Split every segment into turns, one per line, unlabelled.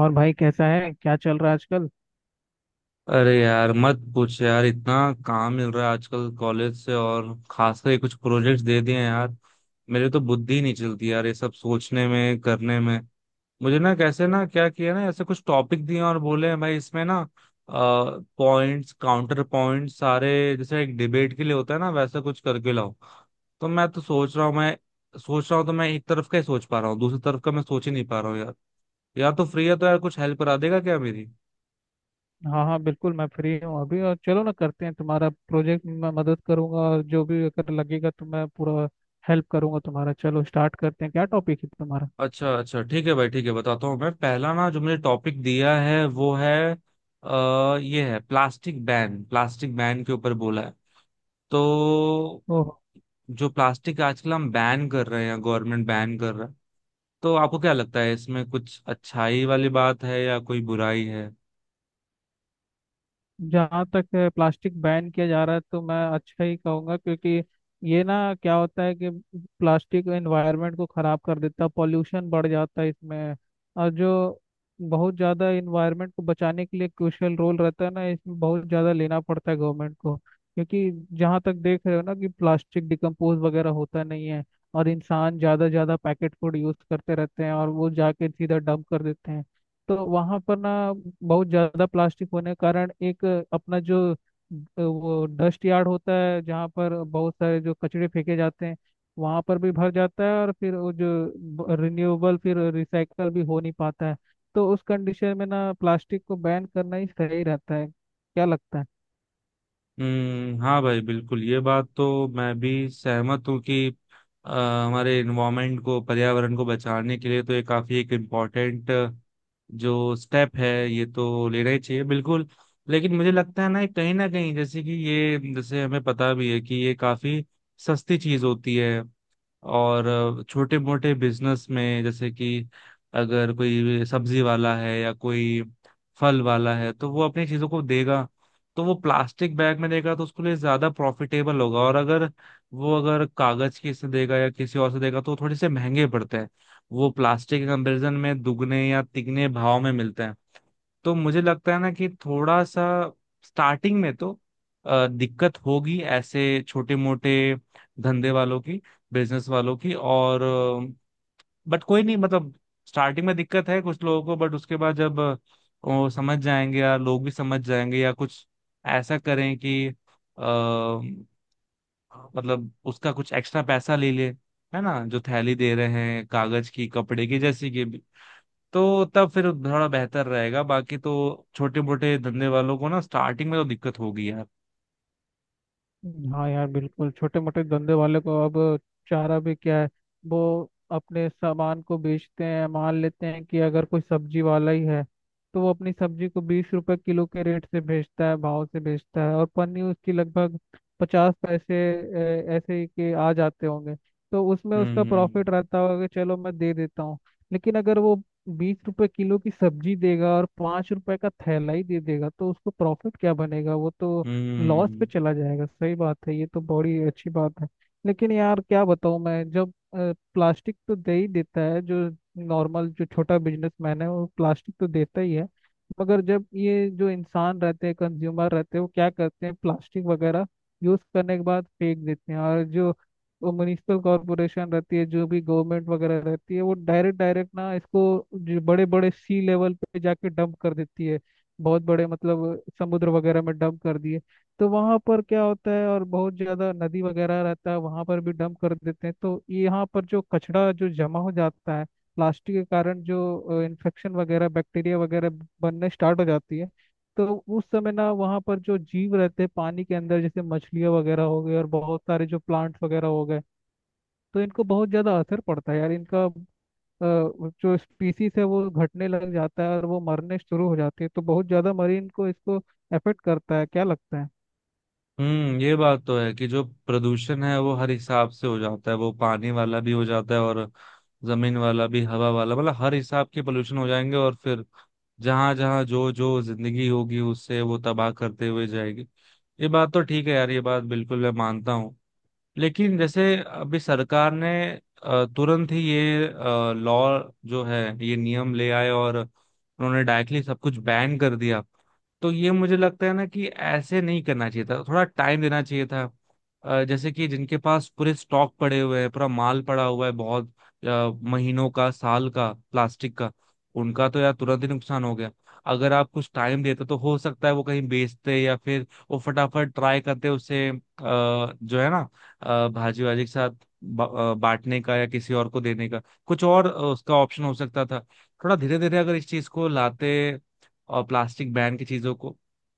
और भाई कैसा है, क्या चल रहा है आजकल?
अरे यार मत पूछ यार। इतना काम मिल रहा है आजकल कॉलेज से, और खासकर ये कुछ प्रोजेक्ट्स दे दिए हैं यार। मेरे तो बुद्धि नहीं चलती यार, ये सब सोचने में, करने में। मुझे ना कैसे ना क्या किया ना ऐसे कुछ टॉपिक दिए और बोले हैं, भाई इसमें ना पॉइंट्स काउंटर पॉइंट्स सारे, जैसे एक डिबेट के लिए होता है ना, वैसा कुछ करके लाओ। तो मैं तो सोच रहा हूँ मैं सोच रहा हूँ, तो मैं एक तरफ का ही सोच पा रहा हूँ, दूसरी तरफ का मैं सोच ही नहीं पा रहा हूँ यार। यार, तो फ्री है तो यार, कुछ हेल्प करा देगा क्या मेरी?
हाँ हाँ बिल्कुल, मैं फ्री हूँ अभी। और चलो ना, करते हैं तुम्हारा प्रोजेक्ट में मैं मदद करूंगा, और जो भी अगर लगेगा तो मैं पूरा हेल्प करूंगा तुम्हारा। चलो स्टार्ट करते हैं, क्या टॉपिक है तुम्हारा?
अच्छा अच्छा, ठीक है भाई, ठीक है, बताता हूँ। मैं पहला ना जो मुझे टॉपिक दिया है वो है, ये है प्लास्टिक बैन। प्लास्टिक बैन के ऊपर बोला है। तो
ओ।
जो प्लास्टिक आजकल हम बैन कर रहे हैं, गवर्नमेंट बैन कर रहा है, तो आपको क्या लगता है, इसमें कुछ अच्छाई वाली बात है या कोई बुराई है?
जहाँ तक है, प्लास्टिक बैन किया जा रहा है तो मैं अच्छा ही कहूँगा, क्योंकि ये ना क्या होता है कि प्लास्टिक एनवायरनमेंट को ख़राब कर देता है, पॉल्यूशन बढ़ जाता है इसमें। और जो बहुत ज़्यादा एनवायरनमेंट को बचाने के लिए क्रूशियल रोल रहता है ना, इसमें बहुत ज़्यादा लेना पड़ता है गवर्नमेंट को, क्योंकि जहाँ तक देख रहे हो ना कि प्लास्टिक डिकम्पोज वगैरह होता नहीं है। और इंसान ज़्यादा ज़्यादा पैकेट फूड यूज़ करते रहते हैं और वो जाके सीधा डंप कर देते हैं। तो वहां पर ना बहुत ज्यादा प्लास्टिक होने के कारण एक अपना जो वो डस्ट यार्ड होता है, जहाँ पर बहुत सारे जो कचरे फेंके जाते हैं वहां पर भी भर जाता है। और फिर वो जो रिन्यूएबल, फिर रिसाइकल भी हो नहीं पाता है। तो उस कंडीशन में ना प्लास्टिक को बैन करना ही सही रहता है, क्या लगता है?
हम्म। हाँ भाई बिल्कुल, ये बात तो मैं भी सहमत हूँ कि हमारे इन्वायरमेंट को, पर्यावरण को बचाने के लिए तो ये काफी एक इम्पोर्टेंट जो स्टेप है, ये तो लेना ही चाहिए बिल्कुल। लेकिन मुझे लगता है ना, कहीं ना कहीं, जैसे कि ये, जैसे हमें पता भी है कि ये काफी सस्ती चीज होती है। और छोटे मोटे बिजनेस में, जैसे कि अगर कोई सब्जी वाला है या कोई फल वाला है, तो वो अपनी चीजों को देगा, तो वो प्लास्टिक बैग में देगा, तो उसके लिए ज्यादा प्रॉफिटेबल होगा। और अगर वो अगर कागज की से देगा या किसी और से देगा तो थोड़े से महंगे पड़ते हैं। वो प्लास्टिक के कंपेरिजन में दुगने या तिगने भाव में मिलते हैं। तो मुझे लगता है ना कि थोड़ा सा स्टार्टिंग में तो दिक्कत होगी ऐसे छोटे मोटे धंधे वालों की, बिजनेस वालों की। और बट कोई नहीं, मतलब स्टार्टिंग में दिक्कत है कुछ लोगों को, बट उसके बाद जब वो समझ जाएंगे, या लोग भी समझ जाएंगे, या कुछ ऐसा करें कि अ, मतलब उसका कुछ एक्स्ट्रा पैसा ले ले, है ना, जो थैली दे रहे हैं कागज की, कपड़े की जैसी की, तो तब फिर थोड़ा बेहतर रहेगा। बाकी तो छोटे मोटे धंधे वालों को ना स्टार्टिंग में तो दिक्कत होगी यार।
हाँ यार बिल्कुल, छोटे मोटे धंधे वाले को अब चारा भी क्या है। वो अपने सामान को बेचते हैं, मान लेते हैं कि अगर कोई सब्जी वाला ही है तो वो अपनी सब्जी को 20 रुपए किलो के रेट से बेचता है, भाव से बेचता है, और पन्नी उसकी लगभग 50 पैसे ऐसे ही के आ जाते होंगे। तो उसमें उसका
हम्म
प्रॉफिट रहता होगा कि चलो मैं दे देता हूँ। लेकिन अगर वो 20 रुपए किलो की सब्जी देगा और 5 रुपए का थैला ही दे देगा तो उसको प्रॉफिट क्या बनेगा, वो तो लॉस
हम्म
पे चला जाएगा। सही बात है, ये तो बड़ी अच्छी बात है। लेकिन यार क्या बताऊँ मैं, जब प्लास्टिक तो दे ही देता है जो नॉर्मल जो छोटा बिजनेसमैन है वो प्लास्टिक तो देता ही है। मगर जब ये जो इंसान रहते हैं, कंज्यूमर रहते हैं, वो क्या करते हैं प्लास्टिक वगैरह यूज करने के बाद फेंक देते हैं। और जो म्युनिसिपल कॉरपोरेशन रहती है, जो भी गवर्नमेंट वगैरह रहती है, वो डायरेक्ट डायरेक्ट ना इसको जो बड़े बड़े सी लेवल पे जाके डंप कर देती है। बहुत बड़े मतलब समुद्र वगैरह में डंप कर दिए तो वहां पर क्या होता है। और बहुत ज्यादा नदी वगैरह रहता है, वहां पर भी डंप कर देते हैं तो यहाँ पर जो कचरा जो जमा हो जाता है प्लास्टिक के कारण, जो इन्फेक्शन वगैरह बैक्टीरिया वगैरह बनने स्टार्ट हो जाती है। तो उस समय ना वहाँ पर जो जीव रहते हैं पानी के अंदर, जैसे मछलियाँ वगैरह हो गई और बहुत सारे जो प्लांट्स वगैरह हो गए, तो इनको बहुत ज्यादा असर पड़ता है यार। इनका जो स्पीसीज है वो घटने लग जाता है और वो मरने शुरू हो जाती है। तो बहुत ज्यादा मरीन को इसको अफेक्ट करता है, क्या लगता है?
हम्म। ये बात तो है कि जो प्रदूषण है वो हर हिसाब से हो जाता है। वो पानी वाला भी हो जाता है, और जमीन वाला भी, हवा वाला, मतलब हर हिसाब के पोल्यूशन हो जाएंगे। और फिर जहां जहां जो जो जिंदगी होगी उससे वो तबाह करते हुए जाएगी। ये बात तो ठीक है यार, ये बात बिल्कुल मैं मानता हूँ। लेकिन जैसे अभी सरकार ने तुरंत ही ये लॉ जो है, ये नियम ले आए और उन्होंने डायरेक्टली सब कुछ बैन कर दिया। तो ये मुझे लगता है ना कि ऐसे नहीं करना चाहिए था, थोड़ा टाइम देना चाहिए था। जैसे कि जिनके पास पूरे स्टॉक पड़े हुए हैं, पूरा माल पड़ा हुआ है, बहुत अ, महीनों का, साल का प्लास्टिक का, उनका तो यार तुरंत ही नुकसान हो गया। अगर आप कुछ टाइम देते तो हो सकता है वो कहीं बेचते, या फिर वो फटाफट ट्राई करते उसे, जो है ना, भाजी वाजी के साथ बांटने का या किसी और को देने का, कुछ और उसका ऑप्शन हो सकता था। थोड़ा धीरे धीरे अगर इस चीज को लाते, और प्लास्टिक बैन की चीजों को,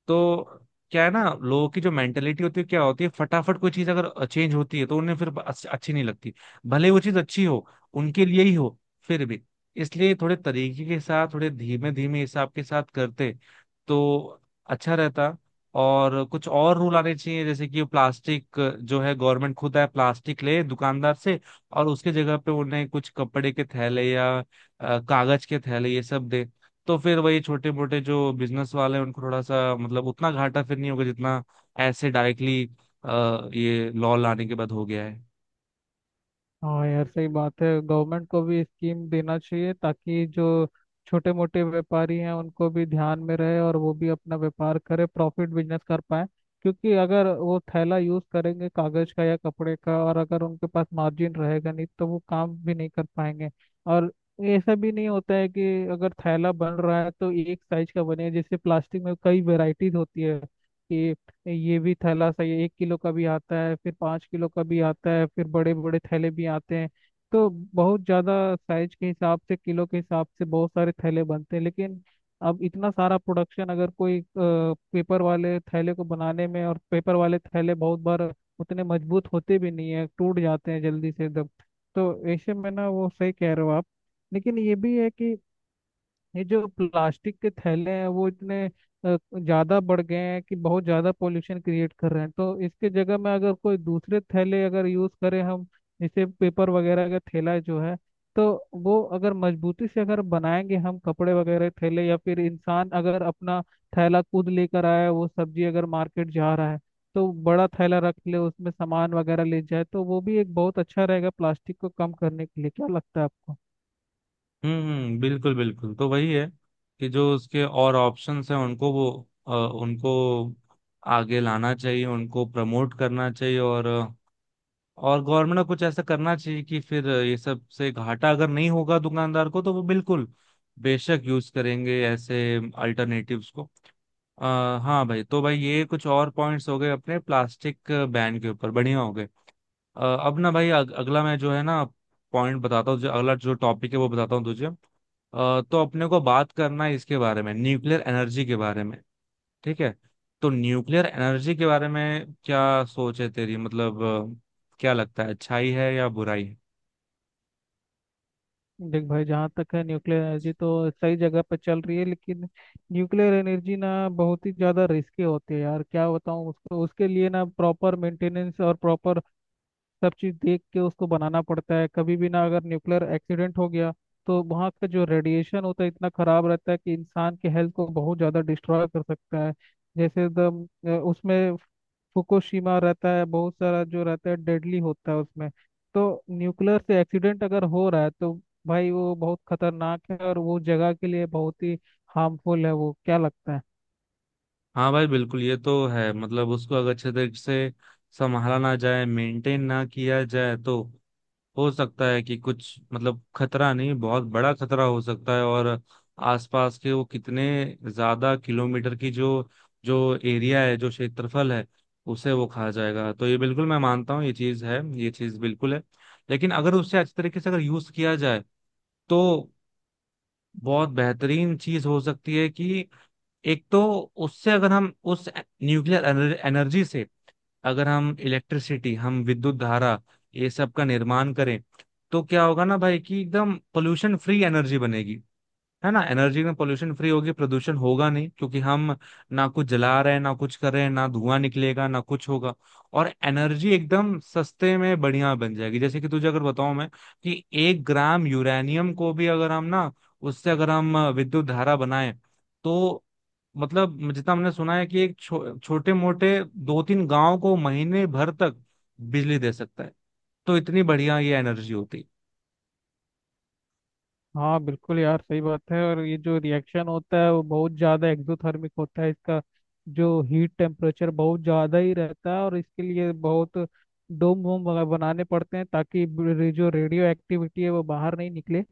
तो क्या है ना, लोगों की जो मेंटेलिटी होती है क्या होती है, फटाफट कोई चीज अगर चेंज होती है तो उन्हें फिर अच्छी नहीं लगती। भले वो चीज अच्छी हो, उनके लिए ही हो, फिर भी। इसलिए थोड़े तरीके के साथ, थोड़े धीमे धीमे हिसाब के साथ करते तो अच्छा रहता। और कुछ और रूल आने चाहिए, जैसे कि प्लास्टिक जो है, गवर्नमेंट खुद आए प्लास्टिक ले दुकानदार से, और उसके जगह पे उन्हें कुछ कपड़े के थैले या कागज के थैले ये सब दे। तो फिर वही छोटे मोटे जो बिजनेस वाले हैं उनको थोड़ा सा, मतलब उतना घाटा फिर नहीं होगा, जितना ऐसे डायरेक्टली ये लॉ लाने के बाद हो गया है।
हाँ यार सही बात है, गवर्नमेंट को भी स्कीम देना चाहिए ताकि जो छोटे मोटे व्यापारी हैं उनको भी ध्यान में रहे और वो भी अपना व्यापार करे, प्रॉफिट बिजनेस कर पाए। क्योंकि अगर वो थैला यूज करेंगे कागज का या कपड़े का और अगर उनके पास मार्जिन रहेगा नहीं तो वो काम भी नहीं कर पाएंगे। और ऐसा भी नहीं होता है कि अगर थैला बन रहा है तो एक साइज का बने। जैसे प्लास्टिक में कई वेराइटीज होती है कि ये भी थैला सही है, 1 किलो का भी आता है, फिर 5 किलो का भी आता है, फिर बड़े बड़े थैले भी आते हैं। तो बहुत ज़्यादा साइज के हिसाब से, किलो के हिसाब से बहुत सारे थैले बनते हैं। लेकिन अब इतना सारा प्रोडक्शन अगर कोई पेपर वाले थैले को बनाने में, और पेपर वाले थैले बहुत बार उतने मजबूत होते भी नहीं है, टूट जाते हैं जल्दी से एकदम। तो ऐसे में ना वो सही कह रहे हो आप। लेकिन ये भी है कि ये जो प्लास्टिक के थैले हैं वो इतने ज्यादा बढ़ गए हैं कि बहुत ज्यादा पोल्यूशन क्रिएट कर रहे हैं, तो इसके जगह में अगर कोई दूसरे थैले अगर यूज करें हम, जैसे पेपर वगैरह का थैला जो है, तो वो अगर मजबूती से अगर बनाएंगे हम, कपड़े वगैरह के थैले, या फिर इंसान अगर अपना थैला खुद लेकर आया, वो सब्जी अगर मार्केट जा रहा है तो बड़ा थैला रख ले, उसमें सामान वगैरह ले जाए, तो वो भी एक बहुत अच्छा रहेगा प्लास्टिक को कम करने के लिए। क्या लगता है आपको?
बिल्कुल बिल्कुल, तो वही है कि जो उसके और ऑप्शंस हैं उनको वो, उनको आगे लाना चाहिए, उनको प्रमोट करना चाहिए। और गवर्नमेंट को कुछ ऐसा करना चाहिए कि फिर ये सब से घाटा अगर नहीं होगा दुकानदार को, तो वो बिल्कुल बेशक यूज करेंगे ऐसे अल्टरनेटिव्स को। हाँ भाई, तो भाई ये कुछ और पॉइंट्स हो गए अपने प्लास्टिक बैन के ऊपर, बढ़िया हो गए। अ, अब ना भाई, अगला मैं जो है ना पॉइंट बताता हूँ, जो अगला जो टॉपिक है वो बताता हूँ तुझे। तो अपने को बात करना है इसके बारे में, न्यूक्लियर एनर्जी के बारे में। ठीक है? तो न्यूक्लियर एनर्जी के बारे में क्या सोच है तेरी, मतलब क्या लगता है, अच्छाई है या बुराई है?
देख भाई, जहाँ तक है न्यूक्लियर एनर्जी तो सही जगह पे चल रही है, लेकिन न्यूक्लियर एनर्जी ना बहुत ही ज़्यादा रिस्की होती है यार, क्या बताऊँ उसको। उसके लिए ना प्रॉपर मेंटेनेंस और प्रॉपर सब चीज़ देख के उसको बनाना पड़ता है। कभी भी ना अगर न्यूक्लियर एक्सीडेंट हो गया तो वहाँ का जो रेडिएशन होता है इतना ख़राब रहता है कि इंसान के हेल्थ को बहुत ज़्यादा डिस्ट्रॉय कर सकता है। जैसे द उसमें फुकुशिमा रहता है, बहुत सारा जो रहता है डेडली होता है उसमें। तो न्यूक्लियर से एक्सीडेंट अगर हो रहा है तो भाई वो बहुत खतरनाक है और वो जगह के लिए बहुत ही हार्मफुल है वो। क्या लगता है?
हाँ भाई बिल्कुल, ये तो है, मतलब उसको अगर अच्छे तरीके से संभाला ना जाए, मेंटेन ना किया जाए, तो हो सकता है कि कुछ मतलब खतरा नहीं, बहुत बड़ा खतरा हो सकता है। और आसपास के वो कितने ज्यादा किलोमीटर की जो जो एरिया है, जो क्षेत्रफल है, उसे वो खा जाएगा। तो ये बिल्कुल मैं मानता हूँ, ये चीज है, ये चीज बिल्कुल है। लेकिन अगर उससे अच्छे तरीके से अगर यूज किया जाए तो बहुत बेहतरीन चीज हो सकती है। कि एक तो उससे अगर हम उस न्यूक्लियर एनर्जी से अगर हम इलेक्ट्रिसिटी, हम विद्युत धारा ये सब का निर्माण करें, तो क्या होगा ना भाई, कि एकदम पोल्यूशन फ्री एनर्जी बनेगी। है ना, एनर्जी में पोल्यूशन फ्री होगी, प्रदूषण होगा नहीं, क्योंकि हम ना कुछ जला रहे हैं ना कुछ कर रहे हैं, ना धुआं निकलेगा ना कुछ होगा। और एनर्जी एकदम सस्ते में बढ़िया बन जाएगी। जैसे कि तुझे अगर बताऊं मैं कि एक ग्राम यूरेनियम को भी अगर हम ना, उससे अगर हम विद्युत धारा बनाए, तो मतलब जितना हमने सुना है कि एक छोटे मोटे दो तीन गांव को महीने भर तक बिजली दे सकता है। तो इतनी बढ़िया ये एनर्जी होती।
हाँ बिल्कुल यार सही बात है, और ये जो रिएक्शन होता है वो बहुत ज़्यादा एक्सोथर्मिक होता है इसका। जो हीट टेम्परेचर बहुत ज़्यादा ही रहता है, और इसके लिए बहुत डोम वोम वगैरह बनाने पड़ते हैं ताकि जो रेडियो एक्टिविटी है वो बाहर नहीं निकले।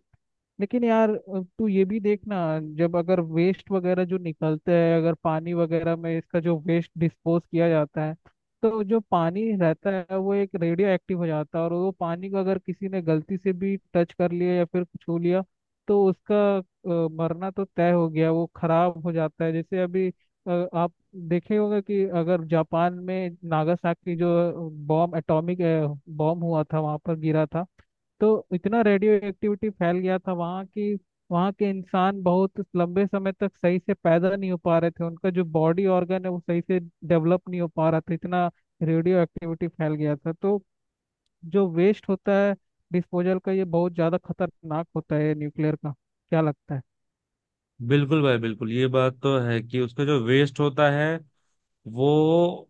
लेकिन यार तू ये भी देखना, जब अगर वेस्ट वगैरह जो निकलते हैं, अगर पानी वगैरह में इसका जो वेस्ट डिस्पोज किया जाता है, तो जो पानी रहता है वो एक रेडियो एक्टिव हो जाता है। और वो पानी को अगर किसी ने गलती से भी टच कर लिया या फिर छू लिया तो उसका मरना तो तय हो गया, वो खराब हो जाता है। जैसे अभी आप देखे होगा कि अगर जापान में नागासाकी जो बॉम्ब, एटॉमिक बॉम्ब हुआ था वहां पर गिरा था, तो इतना रेडियो एक्टिविटी फैल गया था वहाँ कि वहाँ के इंसान बहुत लंबे समय तक सही से पैदा नहीं हो पा रहे थे, उनका जो बॉडी ऑर्गन है वो सही से डेवलप नहीं हो पा रहा था। इतना रेडियो एक्टिविटी फैल गया था। तो जो वेस्ट होता है डिस्पोजल का, ये बहुत ज़्यादा खतरनाक होता है न्यूक्लियर का। क्या लगता है?
बिल्कुल भाई बिल्कुल, ये बात तो है कि उसका जो वेस्ट होता है वो,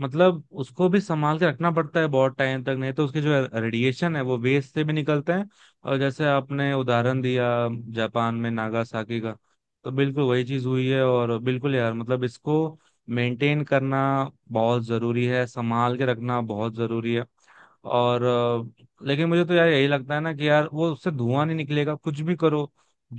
मतलब उसको भी संभाल के रखना पड़ता है बहुत टाइम तक, नहीं तो उसके जो रेडिएशन है वो वेस्ट से भी निकलते हैं। और जैसे आपने उदाहरण दिया जापान में नागासाकी का, तो बिल्कुल वही चीज हुई है। और बिल्कुल यार, मतलब इसको मेंटेन करना बहुत जरूरी है, संभाल के रखना बहुत जरूरी है। और लेकिन मुझे तो यार यही लगता है ना कि यार वो उससे धुआं नहीं निकलेगा कुछ भी करो।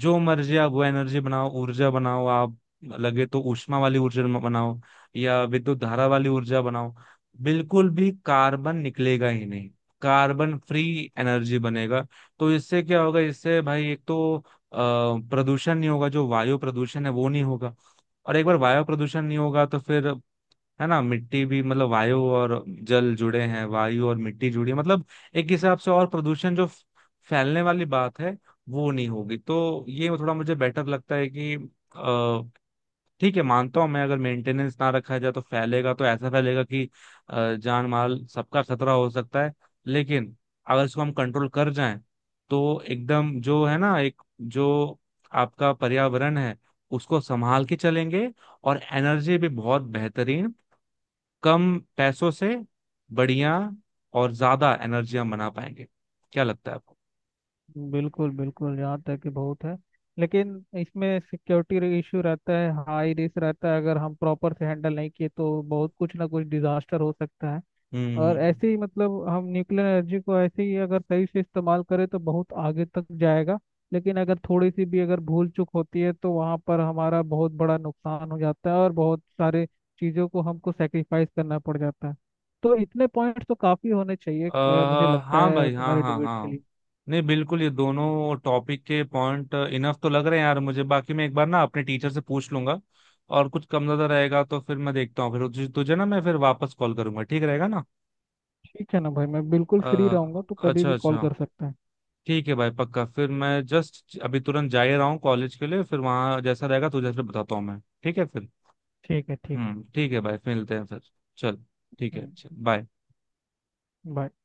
जो मर्जी आप वो एनर्जी बनाओ, ऊर्जा बनाओ आप, लगे तो ऊष्मा वाली ऊर्जा बनाओ या विद्युत धारा वाली ऊर्जा बनाओ, बिल्कुल भी कार्बन निकलेगा ही नहीं। कार्बन फ्री एनर्जी बनेगा। तो इससे क्या होगा, इससे भाई एक तो प्रदूषण नहीं होगा, जो वायु प्रदूषण है वो नहीं होगा। और एक बार वायु प्रदूषण नहीं होगा तो फिर, है ना, मिट्टी भी, मतलब वायु और जल जुड़े हैं, वायु और मिट्टी जुड़ी है, मतलब एक हिसाब से और प्रदूषण जो फैलने वाली बात है वो नहीं होगी। तो ये थोड़ा मुझे बेटर लगता है कि अ, ठीक है, मानता हूँ मैं अगर मेंटेनेंस ना रखा जाए तो फैलेगा, तो ऐसा फैलेगा कि जान माल सबका खतरा हो सकता है। लेकिन अगर इसको हम कंट्रोल कर जाएं तो एकदम जो है ना, एक जो आपका पर्यावरण है उसको संभाल के चलेंगे, और एनर्जी भी बहुत बेहतरीन, कम पैसों से बढ़िया और ज्यादा एनर्जी हम बना पाएंगे। क्या लगता है आपको?
बिल्कुल बिल्कुल, यहाँ तक कि बहुत है, लेकिन इसमें सिक्योरिटी इशू रहता है, हाई रिस्क रहता है। अगर हम प्रॉपर से हैंडल नहीं किए तो बहुत कुछ ना कुछ डिजास्टर हो सकता है।
हम्म हम्म,
और
हम्म।
ऐसे ही मतलब हम न्यूक्लियर एनर्जी को ऐसे ही अगर सही से इस्तेमाल करें तो बहुत आगे तक जाएगा। लेकिन अगर थोड़ी सी भी अगर भूल चूक होती है तो वहाँ पर हमारा बहुत बड़ा नुकसान हो जाता है और बहुत सारे चीज़ों को हमको सेक्रीफाइस करना पड़ जाता है। तो इतने पॉइंट्स तो काफ़ी होने चाहिए,
अ
मुझे लगता
हाँ
है
भाई, हाँ
तुम्हारे
हाँ
डिबेट के
हाँ।
लिए।
नहीं बिल्कुल, ये दोनों टॉपिक के पॉइंट इनफ तो लग रहे हैं यार मुझे। बाकी मैं एक बार ना अपने टीचर से पूछ लूंगा, और कुछ कम ज्यादा रहेगा तो फिर मैं देखता हूँ। फिर तुझे ना मैं फिर वापस कॉल करूंगा, ठीक रहेगा ना?
ठीक है ना भाई, मैं बिल्कुल
अ,
फ्री रहूंगा तो कभी
अच्छा
भी कॉल
अच्छा,
कर सकता है।
ठीक है भाई। पक्का फिर मैं जस्ट अभी तुरंत जा ही रहा हूँ कॉलेज के लिए, फिर वहाँ जैसा रहेगा तुझे फिर बताता हूँ मैं, ठीक है फिर?
ठीक है, ठीक है।
हम्म, ठीक है भाई, फिर मिलते हैं फिर। चल, ठीक है,
हम्म।
चल बाय।
बाय।